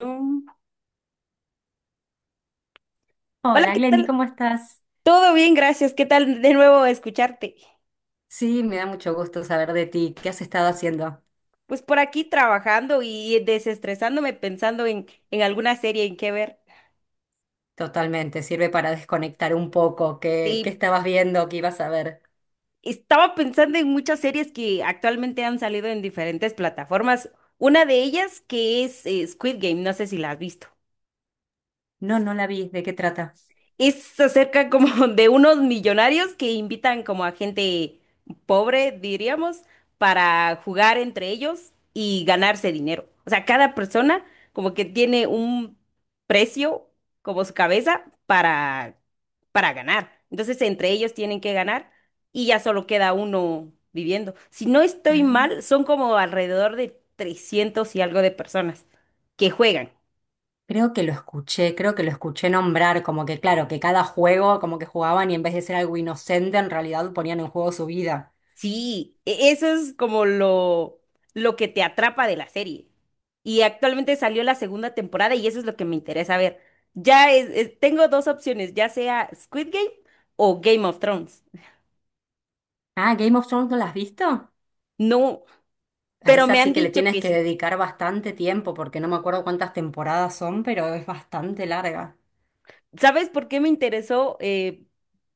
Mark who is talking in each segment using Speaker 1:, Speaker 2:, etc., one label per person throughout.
Speaker 1: Mm. Hola,
Speaker 2: Hola
Speaker 1: ¿qué
Speaker 2: Glendy,
Speaker 1: tal?
Speaker 2: ¿cómo estás?
Speaker 1: Todo bien, gracias. ¿Qué tal de nuevo escucharte?
Speaker 2: Sí, me da mucho gusto saber de ti. ¿Qué has estado haciendo?
Speaker 1: Pues por aquí trabajando y desestresándome pensando en alguna serie en qué ver.
Speaker 2: Totalmente, sirve para desconectar un poco. ¿Qué,
Speaker 1: Y
Speaker 2: qué estabas viendo? ¿Qué ibas a ver?
Speaker 1: estaba pensando en muchas series que actualmente han salido en diferentes plataformas. Una de ellas que es Squid Game, no sé si la has visto.
Speaker 2: No, no la vi. ¿De qué trata?
Speaker 1: Es acerca como de unos millonarios que invitan como a gente pobre, diríamos, para jugar entre ellos y ganarse dinero. O sea, cada persona como que tiene un precio como su cabeza para ganar. Entonces, entre ellos tienen que ganar y ya solo queda uno viviendo. Si no estoy
Speaker 2: Ah.
Speaker 1: mal, son como alrededor de 300 y algo de personas que juegan.
Speaker 2: Creo que lo escuché, creo que lo escuché nombrar, como que claro, que cada juego como que jugaban y en vez de ser algo inocente, en realidad ponían en juego su vida.
Speaker 1: Sí, eso es como lo que te atrapa de la serie. Y actualmente salió la segunda temporada y eso es lo que me interesa ver. Ya tengo dos opciones, ya sea Squid Game o Game of Thrones.
Speaker 2: Ah, Game of Thrones, ¿no la has visto?
Speaker 1: No,
Speaker 2: A
Speaker 1: pero
Speaker 2: esa
Speaker 1: me han
Speaker 2: sí que le
Speaker 1: dicho
Speaker 2: tienes
Speaker 1: que
Speaker 2: que
Speaker 1: sí.
Speaker 2: dedicar bastante tiempo, porque no me acuerdo cuántas temporadas son, pero es bastante larga.
Speaker 1: ¿Sabes por qué me interesó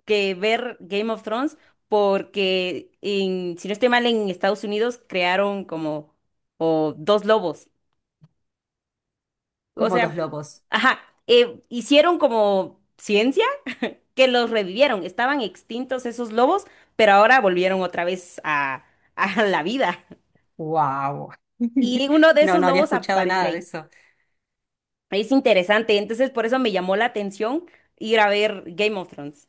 Speaker 1: que ver Game of Thrones? Porque si no estoy mal, en Estados Unidos crearon como o dos lobos. O
Speaker 2: Como dos
Speaker 1: sea,
Speaker 2: lobos.
Speaker 1: ajá, hicieron como ciencia que los revivieron. Estaban extintos esos lobos, pero ahora volvieron otra vez a la vida.
Speaker 2: Wow.
Speaker 1: Y uno de
Speaker 2: No,
Speaker 1: esos
Speaker 2: no había
Speaker 1: lobos
Speaker 2: escuchado
Speaker 1: aparece
Speaker 2: nada de
Speaker 1: ahí.
Speaker 2: eso.
Speaker 1: Es interesante, entonces por eso me llamó la atención ir a ver Game of Thrones.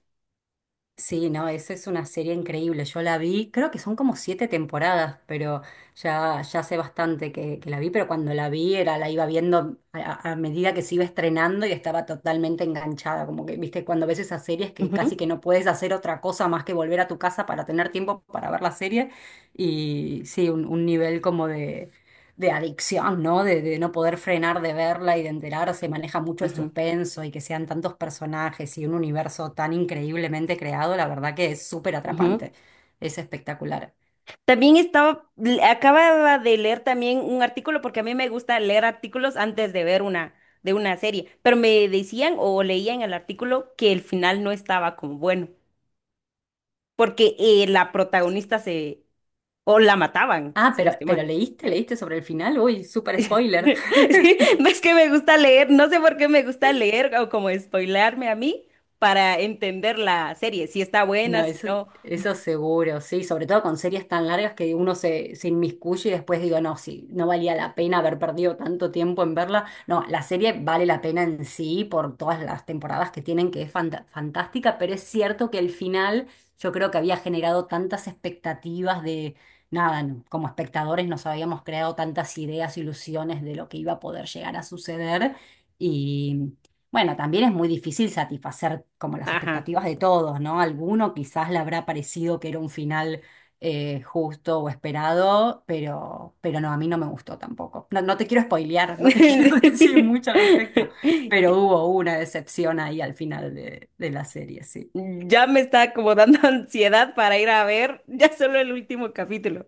Speaker 2: Sí, no, esa es una serie increíble. Yo la vi, creo que son como siete temporadas, pero ya hace bastante que la vi, pero cuando la vi era, la iba viendo a, medida que se iba estrenando y estaba totalmente enganchada. Como que, viste, cuando ves esas series que
Speaker 1: Ujú,
Speaker 2: casi que no puedes hacer otra cosa más que volver a tu casa para tener tiempo para ver la serie. Y sí, un nivel como de adicción, ¿no? De no poder frenar de verla y de enterarse, maneja mucho el
Speaker 1: ujú,
Speaker 2: suspenso y que sean tantos personajes y un universo tan increíblemente creado, la verdad que es súper
Speaker 1: ujú.
Speaker 2: atrapante, es espectacular.
Speaker 1: También estaba, acababa de leer también un artículo, porque a mí me gusta leer artículos antes de ver de una serie, pero me decían o leía en el artículo que el final no estaba como bueno, porque la protagonista se, o la mataban,
Speaker 2: Ah,
Speaker 1: si no
Speaker 2: pero,
Speaker 1: estoy
Speaker 2: pero
Speaker 1: mal.
Speaker 2: leíste, leíste sobre el final, uy, súper spoiler.
Speaker 1: Sí, ves que me gusta leer, no sé por qué me gusta leer o como spoilearme a mí para entender la serie, si está buena,
Speaker 2: No,
Speaker 1: si
Speaker 2: eso,
Speaker 1: no.
Speaker 2: eso seguro, sí, sobre todo con series tan largas que uno se, se inmiscuye y después digo, no, sí, no valía la pena haber perdido tanto tiempo en verla. No, la serie vale la pena en sí por todas las temporadas que tienen, que es fantástica, pero es cierto que el final yo creo que había generado tantas expectativas de, nada, no, como espectadores nos habíamos creado tantas ideas, ilusiones de lo que iba a poder llegar a suceder. Bueno, también es muy difícil satisfacer como las
Speaker 1: Ajá.
Speaker 2: expectativas de todos, ¿no? Alguno quizás le habrá parecido que era un final justo o esperado, pero no, a mí no me gustó tampoco. No, no te quiero spoilear, no te quiero decir mucho al respecto, pero hubo una decepción ahí al final de la serie, sí.
Speaker 1: Ya me está como dando ansiedad para ir a ver ya solo el último capítulo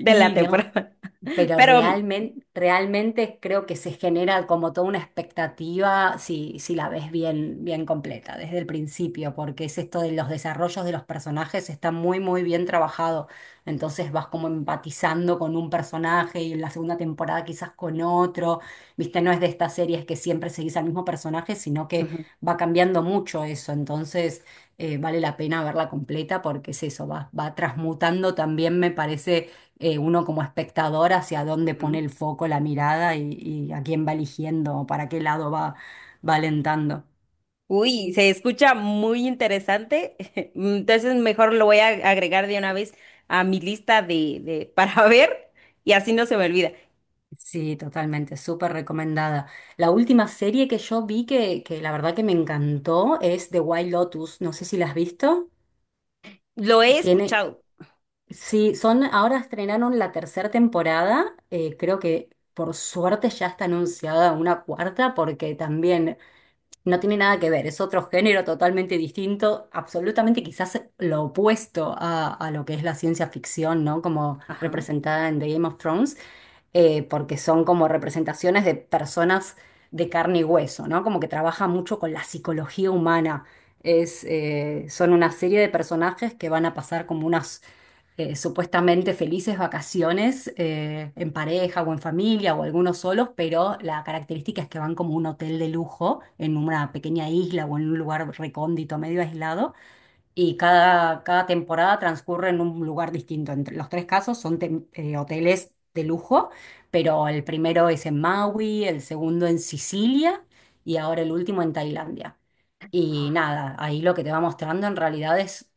Speaker 1: de la
Speaker 2: y no,
Speaker 1: temporada.
Speaker 2: pero
Speaker 1: Pero...
Speaker 2: realmente, realmente creo que se genera como toda una expectativa si, si la ves bien, bien completa desde el principio, porque es esto de los desarrollos de los personajes, está muy, muy bien trabajado. Entonces vas como empatizando con un personaje y en la segunda temporada quizás con otro. Viste, no es de estas series que siempre seguís al mismo personaje, sino que
Speaker 1: Ujú,
Speaker 2: va cambiando mucho eso. Entonces vale la pena verla completa porque es eso, va, va transmutando también, me parece uno como espectador hacia dónde pone
Speaker 1: ujú.
Speaker 2: el foco, la mirada, y a quién va eligiendo o para qué lado va, va alentando.
Speaker 1: Uy, se escucha muy interesante. Entonces mejor lo voy a agregar de una vez a mi lista de para ver y así no se me olvida.
Speaker 2: Sí, totalmente, súper recomendada. La última serie que yo vi que la verdad que me encantó es The Wild Lotus. No sé si la has visto.
Speaker 1: Lo he
Speaker 2: Tiene,
Speaker 1: escuchado.
Speaker 2: sí, son, ahora estrenaron la tercera temporada. Creo que por suerte ya está anunciada una cuarta porque también no tiene nada que ver, es otro género totalmente distinto, absolutamente quizás lo opuesto a lo que es la ciencia ficción, ¿no? Como
Speaker 1: Ajá,
Speaker 2: representada en The Game of Thrones, porque son como representaciones de personas de carne y hueso, ¿no? Como que trabaja mucho con la psicología humana. Es, son una serie de personajes que van a pasar como unas supuestamente felices vacaciones en pareja o en familia o algunos solos, pero la característica es que van como a un hotel de lujo en una pequeña isla o en un lugar recóndito, medio aislado, y cada, cada temporada transcurre en un lugar distinto. Entre los tres casos son hoteles de lujo, pero el primero es en Maui, el segundo en Sicilia y ahora el último en Tailandia. Y
Speaker 1: ajá,
Speaker 2: nada, ahí lo que te va mostrando en realidad es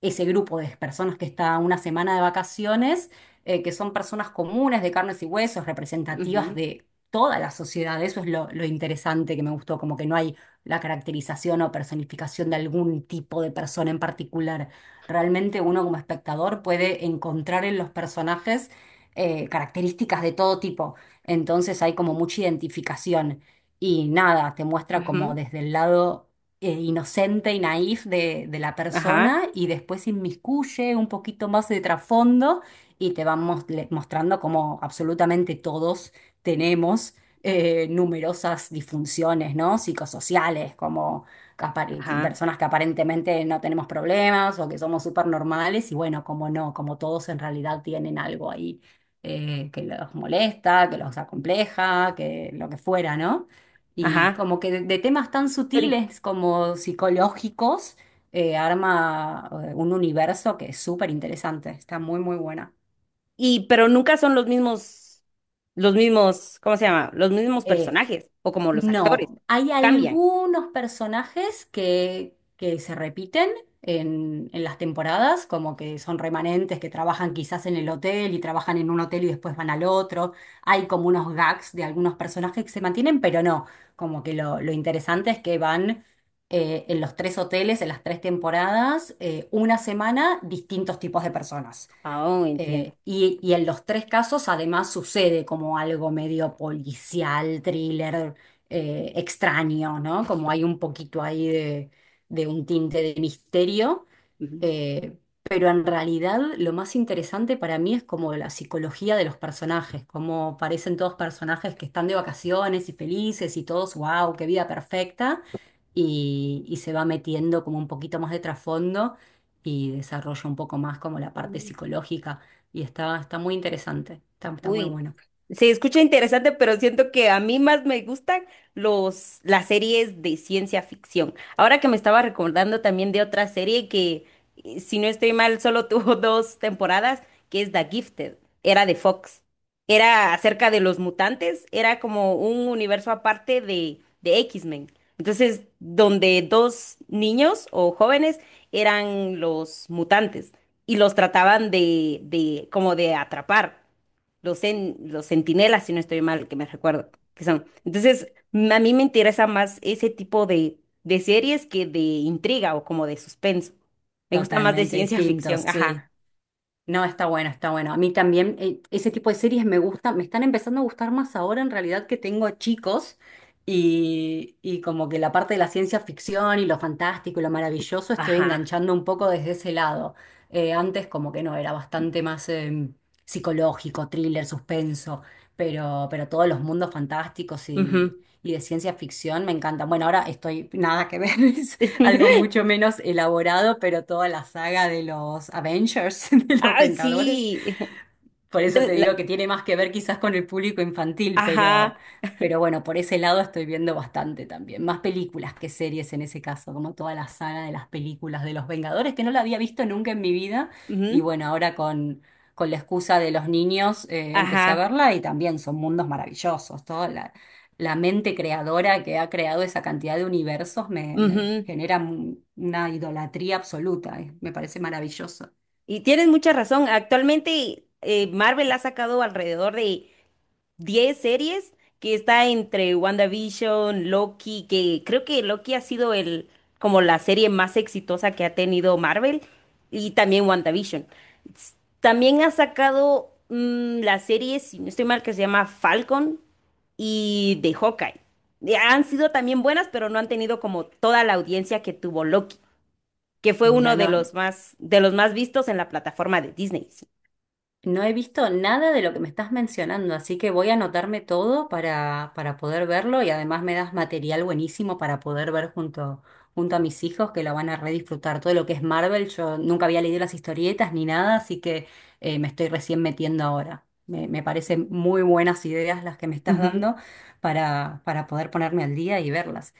Speaker 2: ese grupo de personas que está una semana de vacaciones, que son personas comunes de carnes y huesos, representativas
Speaker 1: ujú,
Speaker 2: de toda la sociedad. Eso es lo interesante que me gustó, como que no hay la caracterización o personificación de algún tipo de persona en particular. Realmente uno como espectador puede encontrar en los personajes características de todo tipo. Entonces hay como mucha identificación y nada, te muestra como
Speaker 1: ujú,
Speaker 2: desde el lado inocente y naif de la
Speaker 1: ajá,
Speaker 2: persona y después inmiscuye un poquito más de trasfondo y te van mostrando como absolutamente todos tenemos numerosas disfunciones, ¿no? Psicosociales, como que
Speaker 1: ajá,
Speaker 2: personas que aparentemente no tenemos problemas o que somos súper normales y bueno, como no, como todos en realidad tienen algo ahí que los molesta, que los acompleja, que lo que fuera, ¿no? Y
Speaker 1: ajá.
Speaker 2: como que de temas tan
Speaker 1: Pero
Speaker 2: sutiles como psicológicos, arma un universo que es súper interesante, está muy, muy buena.
Speaker 1: pero nunca son los mismos, ¿cómo se llama? Los mismos
Speaker 2: Eh,
Speaker 1: personajes o como los actores.
Speaker 2: No, hay
Speaker 1: Cambian.
Speaker 2: algunos personajes que se repiten en las temporadas, como que son remanentes, que trabajan quizás en el hotel y trabajan en un hotel y después van al otro. Hay como unos gags de algunos personajes que se mantienen, pero no, como que lo interesante es que van en los tres hoteles, en las tres temporadas, una semana, distintos tipos de personas.
Speaker 1: Ah, oh, entiendo.
Speaker 2: Y, y en los tres casos además sucede como algo medio policial, thriller, extraño, ¿no? Como hay un poquito ahí de un tinte de misterio. Eh, pero en realidad lo más interesante para mí es como la psicología de los personajes, como parecen todos personajes que están de vacaciones y felices y todos, wow, qué vida perfecta, y se va metiendo como un poquito más de trasfondo y desarrolla un poco más como la parte
Speaker 1: Ujú.
Speaker 2: psicológica y está, está muy interesante, está, está muy
Speaker 1: Uy,
Speaker 2: bueno.
Speaker 1: se escucha interesante, pero siento que a mí más me gustan las series de ciencia ficción. Ahora que me estaba recordando también de otra serie si no estoy mal, solo tuvo dos temporadas, que es The Gifted. Era de Fox. Era acerca de los mutantes, era como un universo aparte de X-Men. Entonces, donde dos niños o jóvenes eran los mutantes y los trataban de como de atrapar los, en, los centinelas, si no estoy mal, que me recuerdo que son. Entonces, a mí me interesa más ese tipo de series que de intriga o como de suspenso. Me gusta más de
Speaker 2: Totalmente
Speaker 1: ciencia
Speaker 2: distinto,
Speaker 1: ficción,
Speaker 2: sí.
Speaker 1: ajá,
Speaker 2: No, está bueno, está bueno. A mí también ese tipo de series me gustan, me están empezando a gustar más ahora en realidad que tengo chicos y como que la parte de la ciencia ficción y lo fantástico y lo maravilloso estoy
Speaker 1: ajá.
Speaker 2: enganchando un poco desde ese lado. Antes como que no, era bastante más psicológico, thriller, suspenso, pero todos los mundos fantásticos
Speaker 1: Ujú.
Speaker 2: y de ciencia ficción me encantan. Bueno, ahora estoy nada que ver, algo mucho menos elaborado, pero toda la saga de los Avengers, de los
Speaker 1: Ay,
Speaker 2: Vengadores,
Speaker 1: sí.
Speaker 2: por eso
Speaker 1: La-
Speaker 2: te
Speaker 1: la-
Speaker 2: digo que tiene más que ver quizás con el público infantil,
Speaker 1: Ajá,
Speaker 2: pero bueno, por ese lado estoy viendo bastante también. Más películas que series en ese caso, como toda la saga de las películas de los Vengadores, que no la había visto nunca en mi vida. Y
Speaker 1: ujú,
Speaker 2: bueno, ahora con la excusa de los niños empecé a
Speaker 1: ajá,
Speaker 2: verla y también son mundos maravillosos. Toda la, la mente creadora que ha creado esa cantidad de universos me, me
Speaker 1: ujú.
Speaker 2: genera una idolatría absoluta, me parece maravilloso.
Speaker 1: Y tienes mucha razón. Actualmente Marvel ha sacado alrededor de 10 series que está entre WandaVision, Loki, que creo que Loki ha sido el como la serie más exitosa que ha tenido Marvel y también WandaVision. S- También ha sacado la serie, si no estoy mal, que se llama Falcon y de Hawkeye. Y han sido también buenas, pero no han tenido como toda la audiencia que tuvo Loki, que fue
Speaker 2: Mira,
Speaker 1: uno
Speaker 2: no,
Speaker 1: de los más vistos en la plataforma de Disney. Sí.
Speaker 2: no he visto nada de lo que me estás mencionando, así que voy a anotarme todo para poder verlo, y además me das material buenísimo para poder ver junto, junto a mis hijos que lo van a redisfrutar. Todo lo que es Marvel, yo nunca había leído las historietas ni nada, así que me estoy recién metiendo ahora. Me parecen muy buenas ideas las que me estás
Speaker 1: Ujú.
Speaker 2: dando para poder ponerme al día y verlas.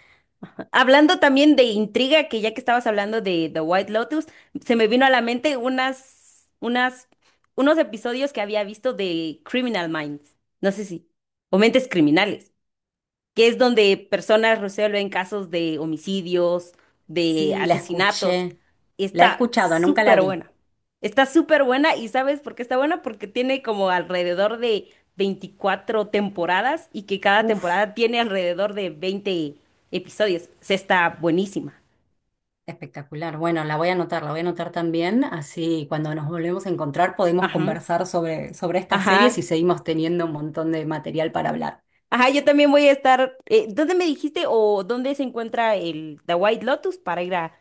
Speaker 1: Hablando también de intriga, que ya que estabas hablando de The White Lotus, se me vino a la mente unas, unas, unos episodios que había visto de Criminal Minds. No sé si, o Mentes Criminales que es donde personas resuelven casos de homicidios, de
Speaker 2: Sí, la
Speaker 1: asesinatos.
Speaker 2: escuché, la he
Speaker 1: Está
Speaker 2: escuchado, nunca la
Speaker 1: súper
Speaker 2: vi.
Speaker 1: buena. Está súper buena y ¿sabes por qué está buena? Porque tiene como alrededor de 24 temporadas y que cada
Speaker 2: Uf.
Speaker 1: temporada tiene alrededor de 20 episodios. Se está buenísima.
Speaker 2: Espectacular. Bueno, la voy a anotar, la voy a anotar también, así cuando nos volvemos a encontrar podemos
Speaker 1: Ajá,
Speaker 2: conversar sobre, sobre estas series y
Speaker 1: ajá.
Speaker 2: seguimos teniendo un montón de material para hablar.
Speaker 1: Ajá, yo también voy a estar. ¿Dónde me dijiste o dónde se encuentra el The White Lotus para ir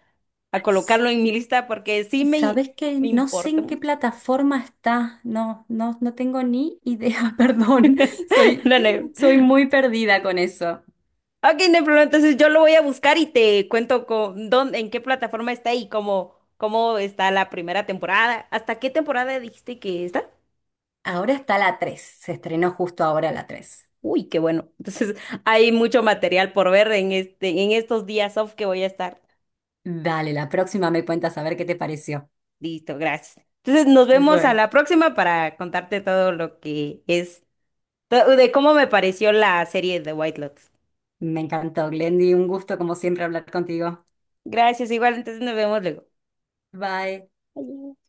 Speaker 1: a colocarlo en mi lista? Porque sí
Speaker 2: ¿Sabes qué?
Speaker 1: me
Speaker 2: No sé
Speaker 1: importa
Speaker 2: en qué
Speaker 1: mucho.
Speaker 2: plataforma está, no, no, no tengo ni idea, perdón, soy,
Speaker 1: Dale.
Speaker 2: soy muy perdida con eso.
Speaker 1: Ok, no hay problema. Entonces yo lo voy a buscar y te cuento con dónde, en qué plataforma está y cómo está la primera temporada. ¿Hasta qué temporada dijiste que está?
Speaker 2: Ahora está la 3. Se estrenó justo ahora la 3.
Speaker 1: Uy, qué bueno. Entonces hay mucho material por ver en este, en estos días off que voy a estar.
Speaker 2: Dale, la próxima me cuentas a ver qué te pareció.
Speaker 1: Listo, gracias. Entonces nos vemos a
Speaker 2: Bueno,
Speaker 1: la próxima para contarte todo lo que es, de cómo me pareció la serie de White Lotus.
Speaker 2: me encantó, Glendy, un gusto como siempre hablar contigo.
Speaker 1: Gracias, igual, entonces nos vemos luego.
Speaker 2: Bye.
Speaker 1: Adiós.